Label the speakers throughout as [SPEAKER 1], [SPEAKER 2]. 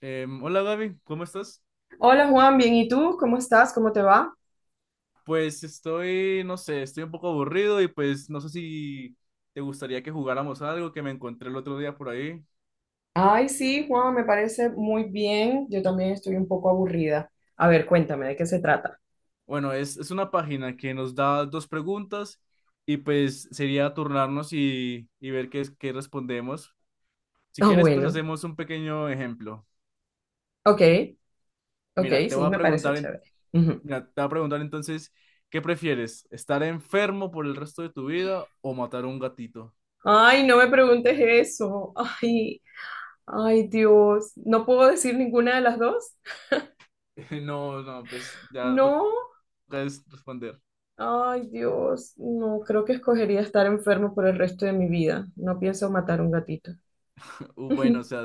[SPEAKER 1] Hola Gaby, ¿cómo estás?
[SPEAKER 2] Hola Juan, bien, ¿y tú? ¿Cómo estás? ¿Cómo te va?
[SPEAKER 1] Pues estoy, no sé, estoy un poco aburrido y pues no sé si te gustaría que jugáramos algo que me encontré el otro día por ahí.
[SPEAKER 2] Ay, sí, Juan, me parece muy bien. Yo también estoy un poco aburrida. A ver, cuéntame, ¿de qué se trata?
[SPEAKER 1] Bueno, es una página que nos da dos preguntas y pues sería turnarnos y ver qué respondemos. Si
[SPEAKER 2] Ah,
[SPEAKER 1] quieres, pues
[SPEAKER 2] bueno.
[SPEAKER 1] hacemos un pequeño ejemplo.
[SPEAKER 2] Ok, ok,
[SPEAKER 1] Mira, te voy
[SPEAKER 2] sí,
[SPEAKER 1] a
[SPEAKER 2] me parece
[SPEAKER 1] preguntar, en-
[SPEAKER 2] chévere. Ujú.
[SPEAKER 1] mira, te voy a preguntar entonces, ¿qué prefieres? ¿Estar enfermo por el resto de tu vida o matar a un gatito?
[SPEAKER 2] Ay, no me preguntes eso. Ay, ay, Dios. ¿No puedo decir ninguna de las dos?
[SPEAKER 1] No, no, pues ya toca
[SPEAKER 2] No.
[SPEAKER 1] es responder.
[SPEAKER 2] Ay, Dios. No, creo que escogería estar enfermo por el resto de mi vida. No pienso matar un gatito.
[SPEAKER 1] Bueno, o sea,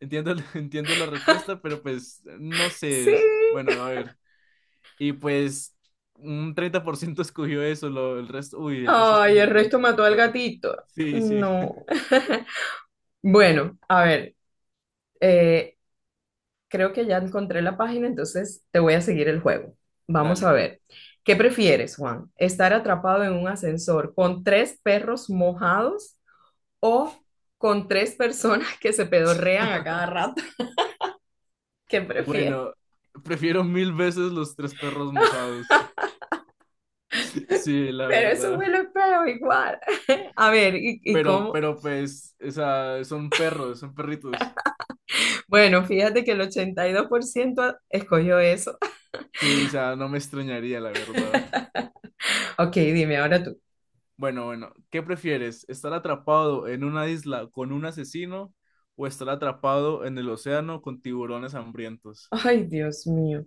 [SPEAKER 1] entiendo, entiendo la respuesta, pero pues no
[SPEAKER 2] Sí.
[SPEAKER 1] sé. Bueno, a ver. Y pues un 30% escogió eso, el resto, uy, el resto
[SPEAKER 2] Ay, el
[SPEAKER 1] escogió
[SPEAKER 2] resto mató al
[SPEAKER 1] otra.
[SPEAKER 2] gatito.
[SPEAKER 1] Sí, sí,
[SPEAKER 2] No. Bueno, a ver, eh, creo que ya encontré la página, entonces te voy a seguir el juego. Vamos a
[SPEAKER 1] dale.
[SPEAKER 2] ver. ¿Qué prefieres, Juan? ¿Estar atrapado en un ascensor con tres perros mojados o con tres personas que se pedorrean a cada rato? ¿Qué prefieres?
[SPEAKER 1] Bueno, prefiero mil veces los tres perros mojados. Sí, la
[SPEAKER 2] Pero eso
[SPEAKER 1] verdad.
[SPEAKER 2] huele feo igual. A ver, ¿y
[SPEAKER 1] Pero,
[SPEAKER 2] cómo?
[SPEAKER 1] pero pues, o sea, son perros, son perritos.
[SPEAKER 2] Bueno, fíjate que el 82% escogió eso.
[SPEAKER 1] Sí, o sea, no me extrañaría, la verdad.
[SPEAKER 2] Ok, dime ahora tú.
[SPEAKER 1] Bueno, bueno, ¿qué prefieres? ¿Estar atrapado en una isla con un asesino o estar atrapado en el océano con tiburones hambrientos?
[SPEAKER 2] Ay, Dios mío.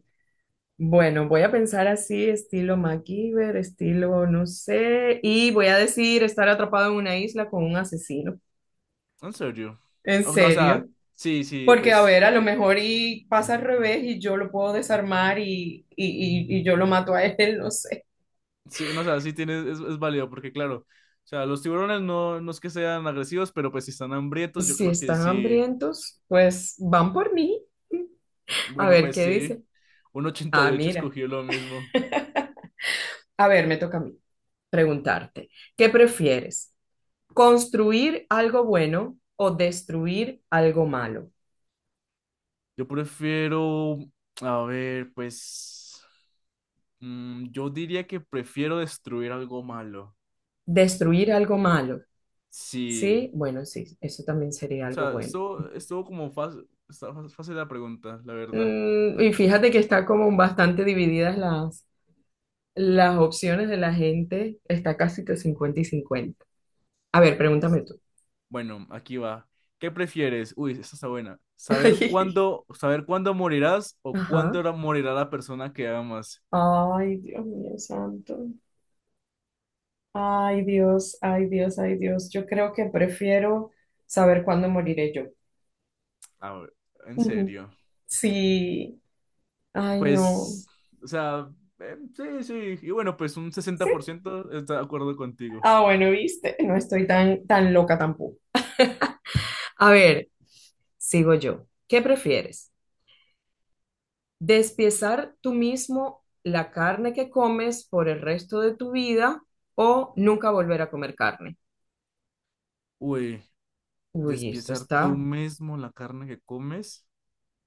[SPEAKER 2] Bueno, voy a pensar así, estilo MacGyver, estilo no sé, y voy a decir estar atrapado en una isla con un asesino.
[SPEAKER 1] En serio.
[SPEAKER 2] En
[SPEAKER 1] Oh, no, o sea,
[SPEAKER 2] serio.
[SPEAKER 1] sí, sí,
[SPEAKER 2] Porque, a
[SPEAKER 1] pues,
[SPEAKER 2] ver, a lo mejor y pasa al revés y yo lo puedo desarmar y yo lo mato a él, no sé.
[SPEAKER 1] sí, no, o sea, sí tienes, es válido, porque claro, o sea, los tiburones no, no es que sean agresivos, pero pues si están hambrientos, yo
[SPEAKER 2] Si
[SPEAKER 1] creo que
[SPEAKER 2] están
[SPEAKER 1] sí.
[SPEAKER 2] hambrientos, pues van por mí. A
[SPEAKER 1] Bueno,
[SPEAKER 2] ver
[SPEAKER 1] pues
[SPEAKER 2] qué
[SPEAKER 1] sí,
[SPEAKER 2] dice.
[SPEAKER 1] un ochenta y
[SPEAKER 2] Ah,
[SPEAKER 1] ocho
[SPEAKER 2] mira.
[SPEAKER 1] escogió lo mismo.
[SPEAKER 2] A ver, me toca a mí preguntarte. ¿Qué prefieres? ¿Construir algo bueno o destruir algo malo?
[SPEAKER 1] Yo prefiero, a ver, pues, yo diría que prefiero destruir algo malo.
[SPEAKER 2] Destruir algo malo,
[SPEAKER 1] Sí.
[SPEAKER 2] ¿sí? Bueno, sí, eso también sería
[SPEAKER 1] O
[SPEAKER 2] algo
[SPEAKER 1] sea,
[SPEAKER 2] bueno.
[SPEAKER 1] estuvo como fácil, fácil la pregunta, la verdad.
[SPEAKER 2] Mm, y fíjate que está como bastante divididas las opciones de la gente, está casi que 50 y cincuenta. A ver, pregúntame
[SPEAKER 1] Listo.
[SPEAKER 2] tú.
[SPEAKER 1] Bueno, aquí va. ¿Qué prefieres? Uy, esta está buena. ¿Saber cuándo morirás o
[SPEAKER 2] Ajá.
[SPEAKER 1] cuándo morirá la persona que amas?
[SPEAKER 2] Ay, Dios mío santo. Ay, Dios, ay, Dios, ay, Dios. Yo creo que prefiero saber cuándo moriré yo.
[SPEAKER 1] A ver, en
[SPEAKER 2] Ujú.
[SPEAKER 1] serio.
[SPEAKER 2] Sí. Ay, no.
[SPEAKER 1] Pues, o sea, sí, sí. Y bueno, pues un sesenta
[SPEAKER 2] Sí.
[SPEAKER 1] por ciento está de acuerdo contigo.
[SPEAKER 2] Ah, bueno, viste, no estoy tan, tan loca tampoco. A ver, sigo yo. ¿Qué prefieres? ¿Despiezar tú mismo la carne que comes por el resto de tu vida o nunca volver a comer carne?
[SPEAKER 1] Uy,
[SPEAKER 2] Uy, esto
[SPEAKER 1] despiezar tú
[SPEAKER 2] está.
[SPEAKER 1] mismo la carne que comes.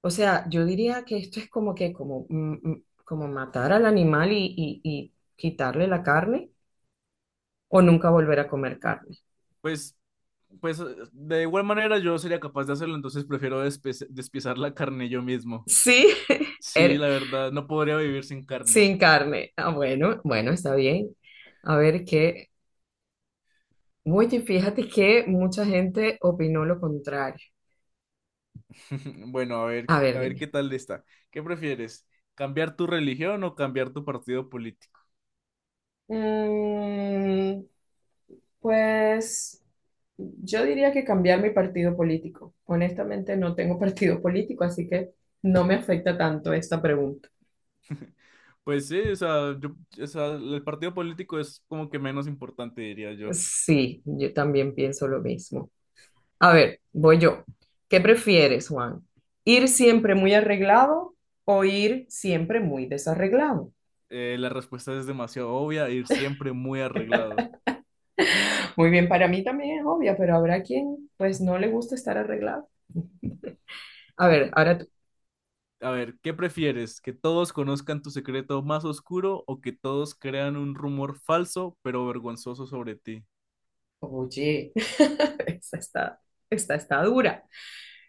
[SPEAKER 2] O sea, yo diría que esto es como que como, como matar al animal y, y quitarle la carne o nunca volver a comer carne.
[SPEAKER 1] Pues, pues de igual manera yo sería capaz de hacerlo, entonces prefiero despiezar la carne yo mismo.
[SPEAKER 2] Sí,
[SPEAKER 1] Sí,
[SPEAKER 2] er-
[SPEAKER 1] la verdad, no podría vivir sin carne.
[SPEAKER 2] sin carne. Ah, bueno, bueno, está bien. A ver qué. Oye, fíjate que mucha gente opinó lo contrario.
[SPEAKER 1] Bueno,
[SPEAKER 2] A ver,
[SPEAKER 1] a ver qué
[SPEAKER 2] dime.
[SPEAKER 1] tal está. ¿Qué prefieres? ¿Cambiar tu religión o cambiar tu partido político?
[SPEAKER 2] Mm, pues yo diría que cambiar mi partido político. Honestamente, no tengo partido político, así que no me afecta tanto esta pregunta.
[SPEAKER 1] Pues sí, o sea, yo, o sea, el partido político es como que menos importante, diría yo.
[SPEAKER 2] Sí, yo también pienso lo mismo. A ver, voy yo. ¿Qué prefieres, Juan? ¿Ir siempre muy arreglado o ir siempre muy desarreglado?
[SPEAKER 1] La respuesta es demasiado obvia, ir siempre muy arreglado.
[SPEAKER 2] Muy bien, para mí también es obvia, pero habrá quien pues no le gusta estar arreglado. A ver, ahora tú.
[SPEAKER 1] A ver, ¿qué prefieres? ¿Que todos conozcan tu secreto más oscuro o que todos crean un rumor falso pero vergonzoso sobre ti?
[SPEAKER 2] Oye, esta está, esta está dura.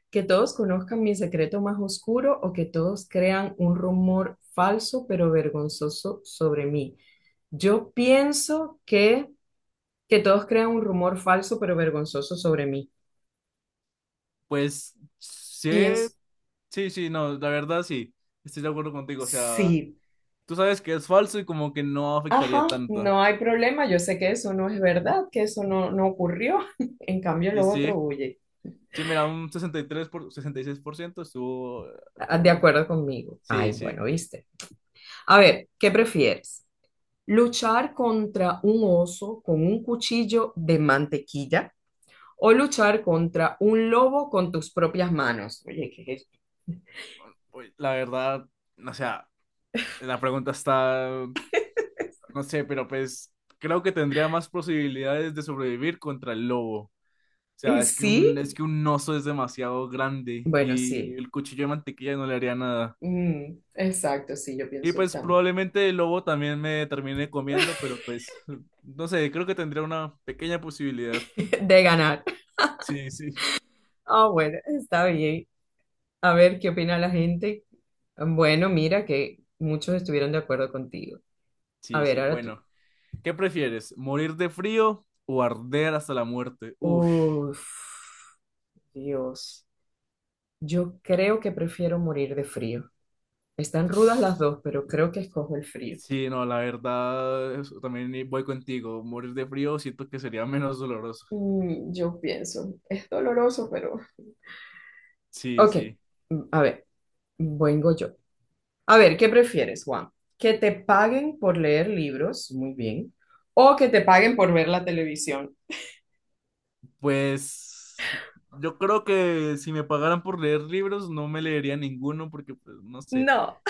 [SPEAKER 2] Que todos conozcan mi secreto más oscuro o que todos crean un rumor falso pero vergonzoso sobre mí. Yo pienso que todos crean un rumor falso pero vergonzoso sobre mí.
[SPEAKER 1] Pues sí,
[SPEAKER 2] Pienso,
[SPEAKER 1] sí, sí, no, la verdad sí, estoy de acuerdo contigo, o sea,
[SPEAKER 2] sí,
[SPEAKER 1] tú sabes que es falso y como que no afectaría
[SPEAKER 2] ajá,
[SPEAKER 1] tanto.
[SPEAKER 2] no hay problema, yo sé que eso no es verdad, que eso no ocurrió, en cambio
[SPEAKER 1] Y
[SPEAKER 2] lo
[SPEAKER 1] sí,
[SPEAKER 2] otro huye.
[SPEAKER 1] sí, mira, un 63 por, 66% estuvo.
[SPEAKER 2] Ah, de acuerdo conmigo.
[SPEAKER 1] Sí,
[SPEAKER 2] Ay,
[SPEAKER 1] sí.
[SPEAKER 2] bueno, viste. A ver, ¿qué prefieres? ¿Luchar contra un oso con un cuchillo de mantequilla o luchar contra un lobo con tus propias manos? Oye, ¿qué es esto?
[SPEAKER 1] Uy, la verdad, o sea, la pregunta está. No sé, pero pues creo que tendría más posibilidades de sobrevivir contra el lobo. O sea,
[SPEAKER 2] ¿Y
[SPEAKER 1] es que
[SPEAKER 2] sí?
[SPEAKER 1] un, es que un oso es demasiado grande
[SPEAKER 2] Bueno,
[SPEAKER 1] y
[SPEAKER 2] sí.
[SPEAKER 1] el cuchillo de mantequilla no le haría nada.
[SPEAKER 2] Mm, exacto, sí, yo
[SPEAKER 1] Y
[SPEAKER 2] pienso
[SPEAKER 1] pues
[SPEAKER 2] también.
[SPEAKER 1] probablemente el lobo también me termine comiendo, pero pues no sé, creo que tendría una pequeña posibilidad.
[SPEAKER 2] De ganar.
[SPEAKER 1] Sí, sí.
[SPEAKER 2] Ah, bueno, está bien. A ver qué opina la gente. Bueno, mira que muchos estuvieron de acuerdo contigo. A
[SPEAKER 1] Sí,
[SPEAKER 2] ver,
[SPEAKER 1] sí.
[SPEAKER 2] ahora tú.
[SPEAKER 1] Bueno, ¿qué prefieres? ¿Morir de frío o arder hasta la muerte? Uf.
[SPEAKER 2] Uf, Dios. Yo creo que prefiero morir de frío. Están rudas las dos, pero creo que escojo el frío.
[SPEAKER 1] Sí, no, la verdad, eso también voy contigo. Morir de frío siento que sería menos doloroso.
[SPEAKER 2] Mm, yo pienso, es doloroso, pero
[SPEAKER 1] Sí,
[SPEAKER 2] Ok,
[SPEAKER 1] sí.
[SPEAKER 2] mm, a ver, vengo yo. A ver, ¿qué prefieres, Juan? ¿Que te paguen por leer libros? Muy bien. ¿O que te paguen por ver la televisión?
[SPEAKER 1] Pues yo creo que si me pagaran por leer libros, no me leería ninguno porque, pues, no sé.
[SPEAKER 2] No.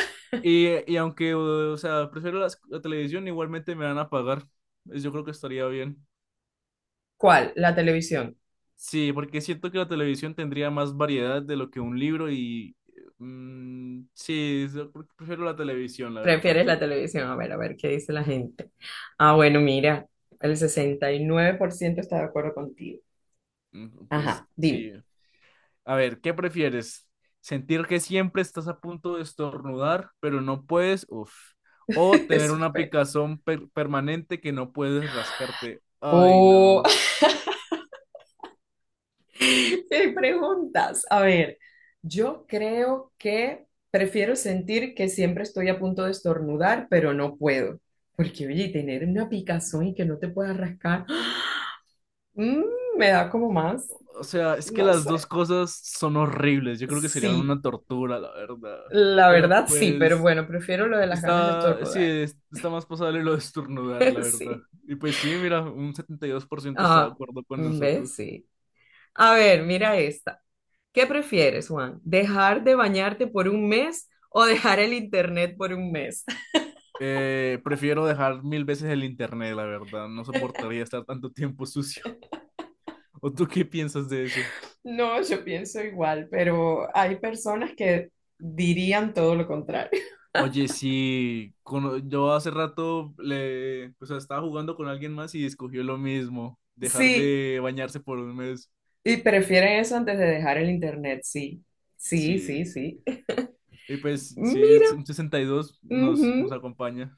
[SPEAKER 1] Y aunque, o sea, prefiero la televisión, igualmente me van a pagar. Pues, yo creo que estaría bien.
[SPEAKER 2] ¿Cuál? La televisión.
[SPEAKER 1] Sí, porque siento que la televisión tendría más variedad de lo que un libro y... sí, yo prefiero la televisión, la verdad.
[SPEAKER 2] ¿Prefieres la televisión? A ver, ¿qué dice la gente? Ah, bueno, mira, el 69% está de acuerdo contigo.
[SPEAKER 1] Mm, pues
[SPEAKER 2] Ajá, dime.
[SPEAKER 1] sí. A ver, ¿qué prefieres? ¿Sentir que siempre estás a punto de estornudar, pero no puedes? Uf. O tener
[SPEAKER 2] Eso
[SPEAKER 1] una
[SPEAKER 2] fue.
[SPEAKER 1] picazón permanente que no puedes rascarte. Ay,
[SPEAKER 2] O
[SPEAKER 1] no.
[SPEAKER 2] me preguntas. A ver, yo creo que prefiero sentir que siempre estoy a punto de estornudar, pero no puedo. Porque, oye, tener una picazón y que no te puedas rascar, mm, me da como más,
[SPEAKER 1] O sea, es que
[SPEAKER 2] no
[SPEAKER 1] las dos
[SPEAKER 2] sé.
[SPEAKER 1] cosas son horribles. Yo creo que serían
[SPEAKER 2] Sí,
[SPEAKER 1] una tortura, la verdad.
[SPEAKER 2] la
[SPEAKER 1] Pero
[SPEAKER 2] verdad sí, pero
[SPEAKER 1] pues
[SPEAKER 2] bueno, prefiero lo de las ganas de
[SPEAKER 1] está, sí,
[SPEAKER 2] estornudar.
[SPEAKER 1] está más pasable lo de estornudar, la verdad.
[SPEAKER 2] Sí.
[SPEAKER 1] Y pues sí, mira, un 72% está de
[SPEAKER 2] Ah,
[SPEAKER 1] acuerdo con
[SPEAKER 2] ¿ves?
[SPEAKER 1] nosotros.
[SPEAKER 2] Sí. A ver, mira esta. ¿Qué prefieres, Juan? ¿Dejar de bañarte por un mes o dejar el internet por un mes?
[SPEAKER 1] Prefiero dejar mil veces el internet, la verdad. No soportaría estar tanto tiempo sucio. ¿O tú qué piensas de eso?
[SPEAKER 2] No, yo pienso igual, pero hay personas que dirían todo lo contrario.
[SPEAKER 1] Oye, sí, yo hace rato le, o sea, estaba jugando con alguien más y escogió lo mismo, dejar
[SPEAKER 2] Sí,
[SPEAKER 1] de bañarse por un mes.
[SPEAKER 2] y prefieren eso antes de dejar el internet, sí. Sí, sí,
[SPEAKER 1] Sí,
[SPEAKER 2] sí.
[SPEAKER 1] y pues sí,
[SPEAKER 2] Mira,
[SPEAKER 1] es un 62 nos
[SPEAKER 2] ujú,
[SPEAKER 1] acompaña.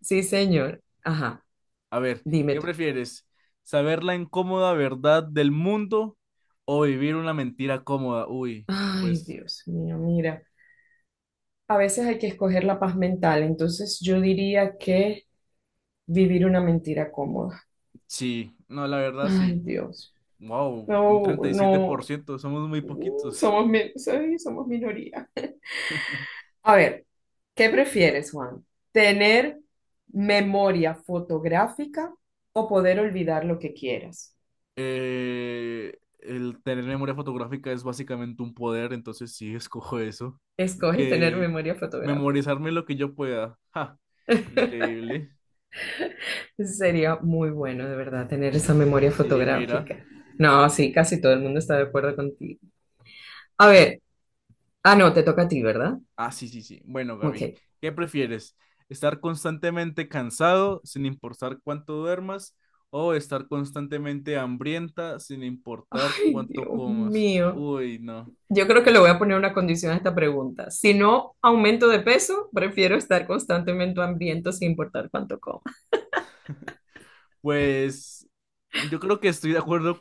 [SPEAKER 2] sí, señor. Ajá,
[SPEAKER 1] A ver,
[SPEAKER 2] dime
[SPEAKER 1] ¿qué
[SPEAKER 2] tú.
[SPEAKER 1] prefieres? ¿Saber la incómoda verdad del mundo o vivir una mentira cómoda? Uy,
[SPEAKER 2] Ay,
[SPEAKER 1] pues
[SPEAKER 2] Dios mío, mira. A veces hay que escoger la paz mental, entonces yo diría que vivir una mentira cómoda.
[SPEAKER 1] sí, no, la verdad
[SPEAKER 2] Ay,
[SPEAKER 1] sí.
[SPEAKER 2] Dios.
[SPEAKER 1] Wow, un
[SPEAKER 2] No,
[SPEAKER 1] treinta y siete por
[SPEAKER 2] no,
[SPEAKER 1] ciento. Somos muy poquitos.
[SPEAKER 2] somos, sí, somos minoría. A ver, ¿qué prefieres, Juan? ¿Tener memoria fotográfica o poder olvidar lo que quieras?
[SPEAKER 1] El tener memoria fotográfica es básicamente un poder, entonces sí, escojo eso.
[SPEAKER 2] Escoges tener
[SPEAKER 1] Porque
[SPEAKER 2] memoria fotográfica.
[SPEAKER 1] memorizarme lo que yo pueda. Ja, increíble.
[SPEAKER 2] Sería muy bueno, de verdad, tener esa
[SPEAKER 1] Y
[SPEAKER 2] memoria
[SPEAKER 1] sí, mira.
[SPEAKER 2] fotográfica. No, sí, casi todo el mundo está de acuerdo contigo. A ver, ah, no, te toca a ti, ¿verdad?
[SPEAKER 1] Ah, sí, sí, sí. Bueno,
[SPEAKER 2] Ok.
[SPEAKER 1] Gaby, ¿qué prefieres? ¿Estar constantemente cansado sin importar cuánto duermas o estar constantemente hambrienta sin importar
[SPEAKER 2] Ay,
[SPEAKER 1] cuánto
[SPEAKER 2] Dios
[SPEAKER 1] comas?
[SPEAKER 2] mío.
[SPEAKER 1] Uy, no.
[SPEAKER 2] Yo creo que le voy a poner una condición a esta pregunta. Si no aumento de peso, prefiero estar constantemente hambriento sin importar cuánto como.
[SPEAKER 1] Pues yo creo que estoy de acuerdo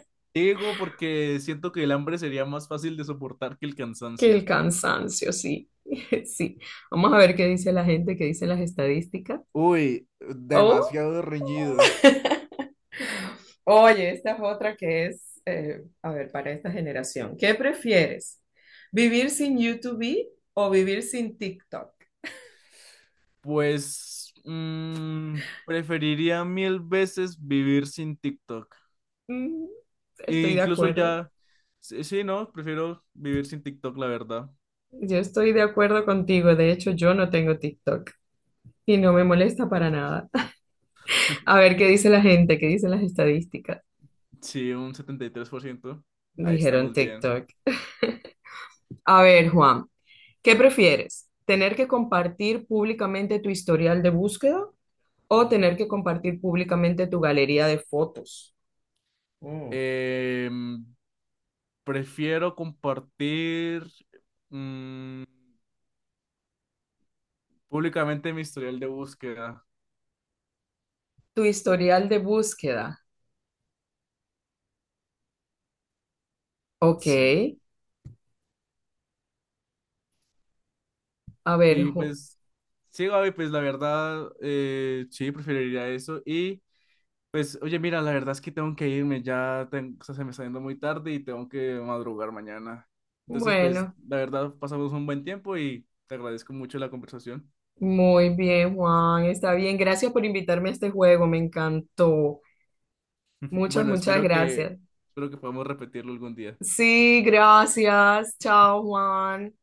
[SPEAKER 1] contigo porque siento que el hambre sería más fácil de soportar que el
[SPEAKER 2] Que
[SPEAKER 1] cansancio.
[SPEAKER 2] el cansancio, sí, sí. Vamos a ver qué dice la gente, qué dicen las estadísticas.
[SPEAKER 1] Uy,
[SPEAKER 2] Oh,
[SPEAKER 1] demasiado reñido.
[SPEAKER 2] oye, esta es otra que es, a ver, para esta generación. ¿Qué prefieres? ¿Vivir sin YouTube o vivir sin TikTok?
[SPEAKER 1] Pues preferiría mil veces vivir sin TikTok.
[SPEAKER 2] Mm,
[SPEAKER 1] E
[SPEAKER 2] estoy de
[SPEAKER 1] incluso
[SPEAKER 2] acuerdo.
[SPEAKER 1] ya, sí, sí, no, prefiero vivir sin TikTok, la verdad.
[SPEAKER 2] Yo estoy de acuerdo contigo. De hecho, yo no tengo TikTok y no me molesta para nada. A ver qué dice la gente, qué dicen las estadísticas.
[SPEAKER 1] Sí, un 73%. Ahí
[SPEAKER 2] Dijeron
[SPEAKER 1] estamos bien.
[SPEAKER 2] TikTok. A ver, Juan, ¿qué prefieres? ¿Tener que compartir públicamente tu historial de búsqueda o tener que compartir públicamente tu galería de fotos? Mm.
[SPEAKER 1] Em, prefiero compartir mm, públicamente mi historial de búsqueda.
[SPEAKER 2] Tu historial de búsqueda. Ok.
[SPEAKER 1] Sí.
[SPEAKER 2] A ver,
[SPEAKER 1] Y pues, sí, Gaby, pues la verdad, sí, preferiría eso. Y pues, oye, mira, la verdad es que tengo que irme, ya o sea, se me está yendo muy tarde y tengo que madrugar mañana. Entonces, pues,
[SPEAKER 2] Bueno,
[SPEAKER 1] la verdad, pasamos un buen tiempo y te agradezco mucho la conversación.
[SPEAKER 2] muy bien, Juan. Está bien. Gracias por invitarme a este juego. Me encantó. Muchas,
[SPEAKER 1] Bueno,
[SPEAKER 2] muchas
[SPEAKER 1] espero que,
[SPEAKER 2] gracias.
[SPEAKER 1] espero que podamos repetirlo algún día.
[SPEAKER 2] Sí, gracias. Chao, Juan.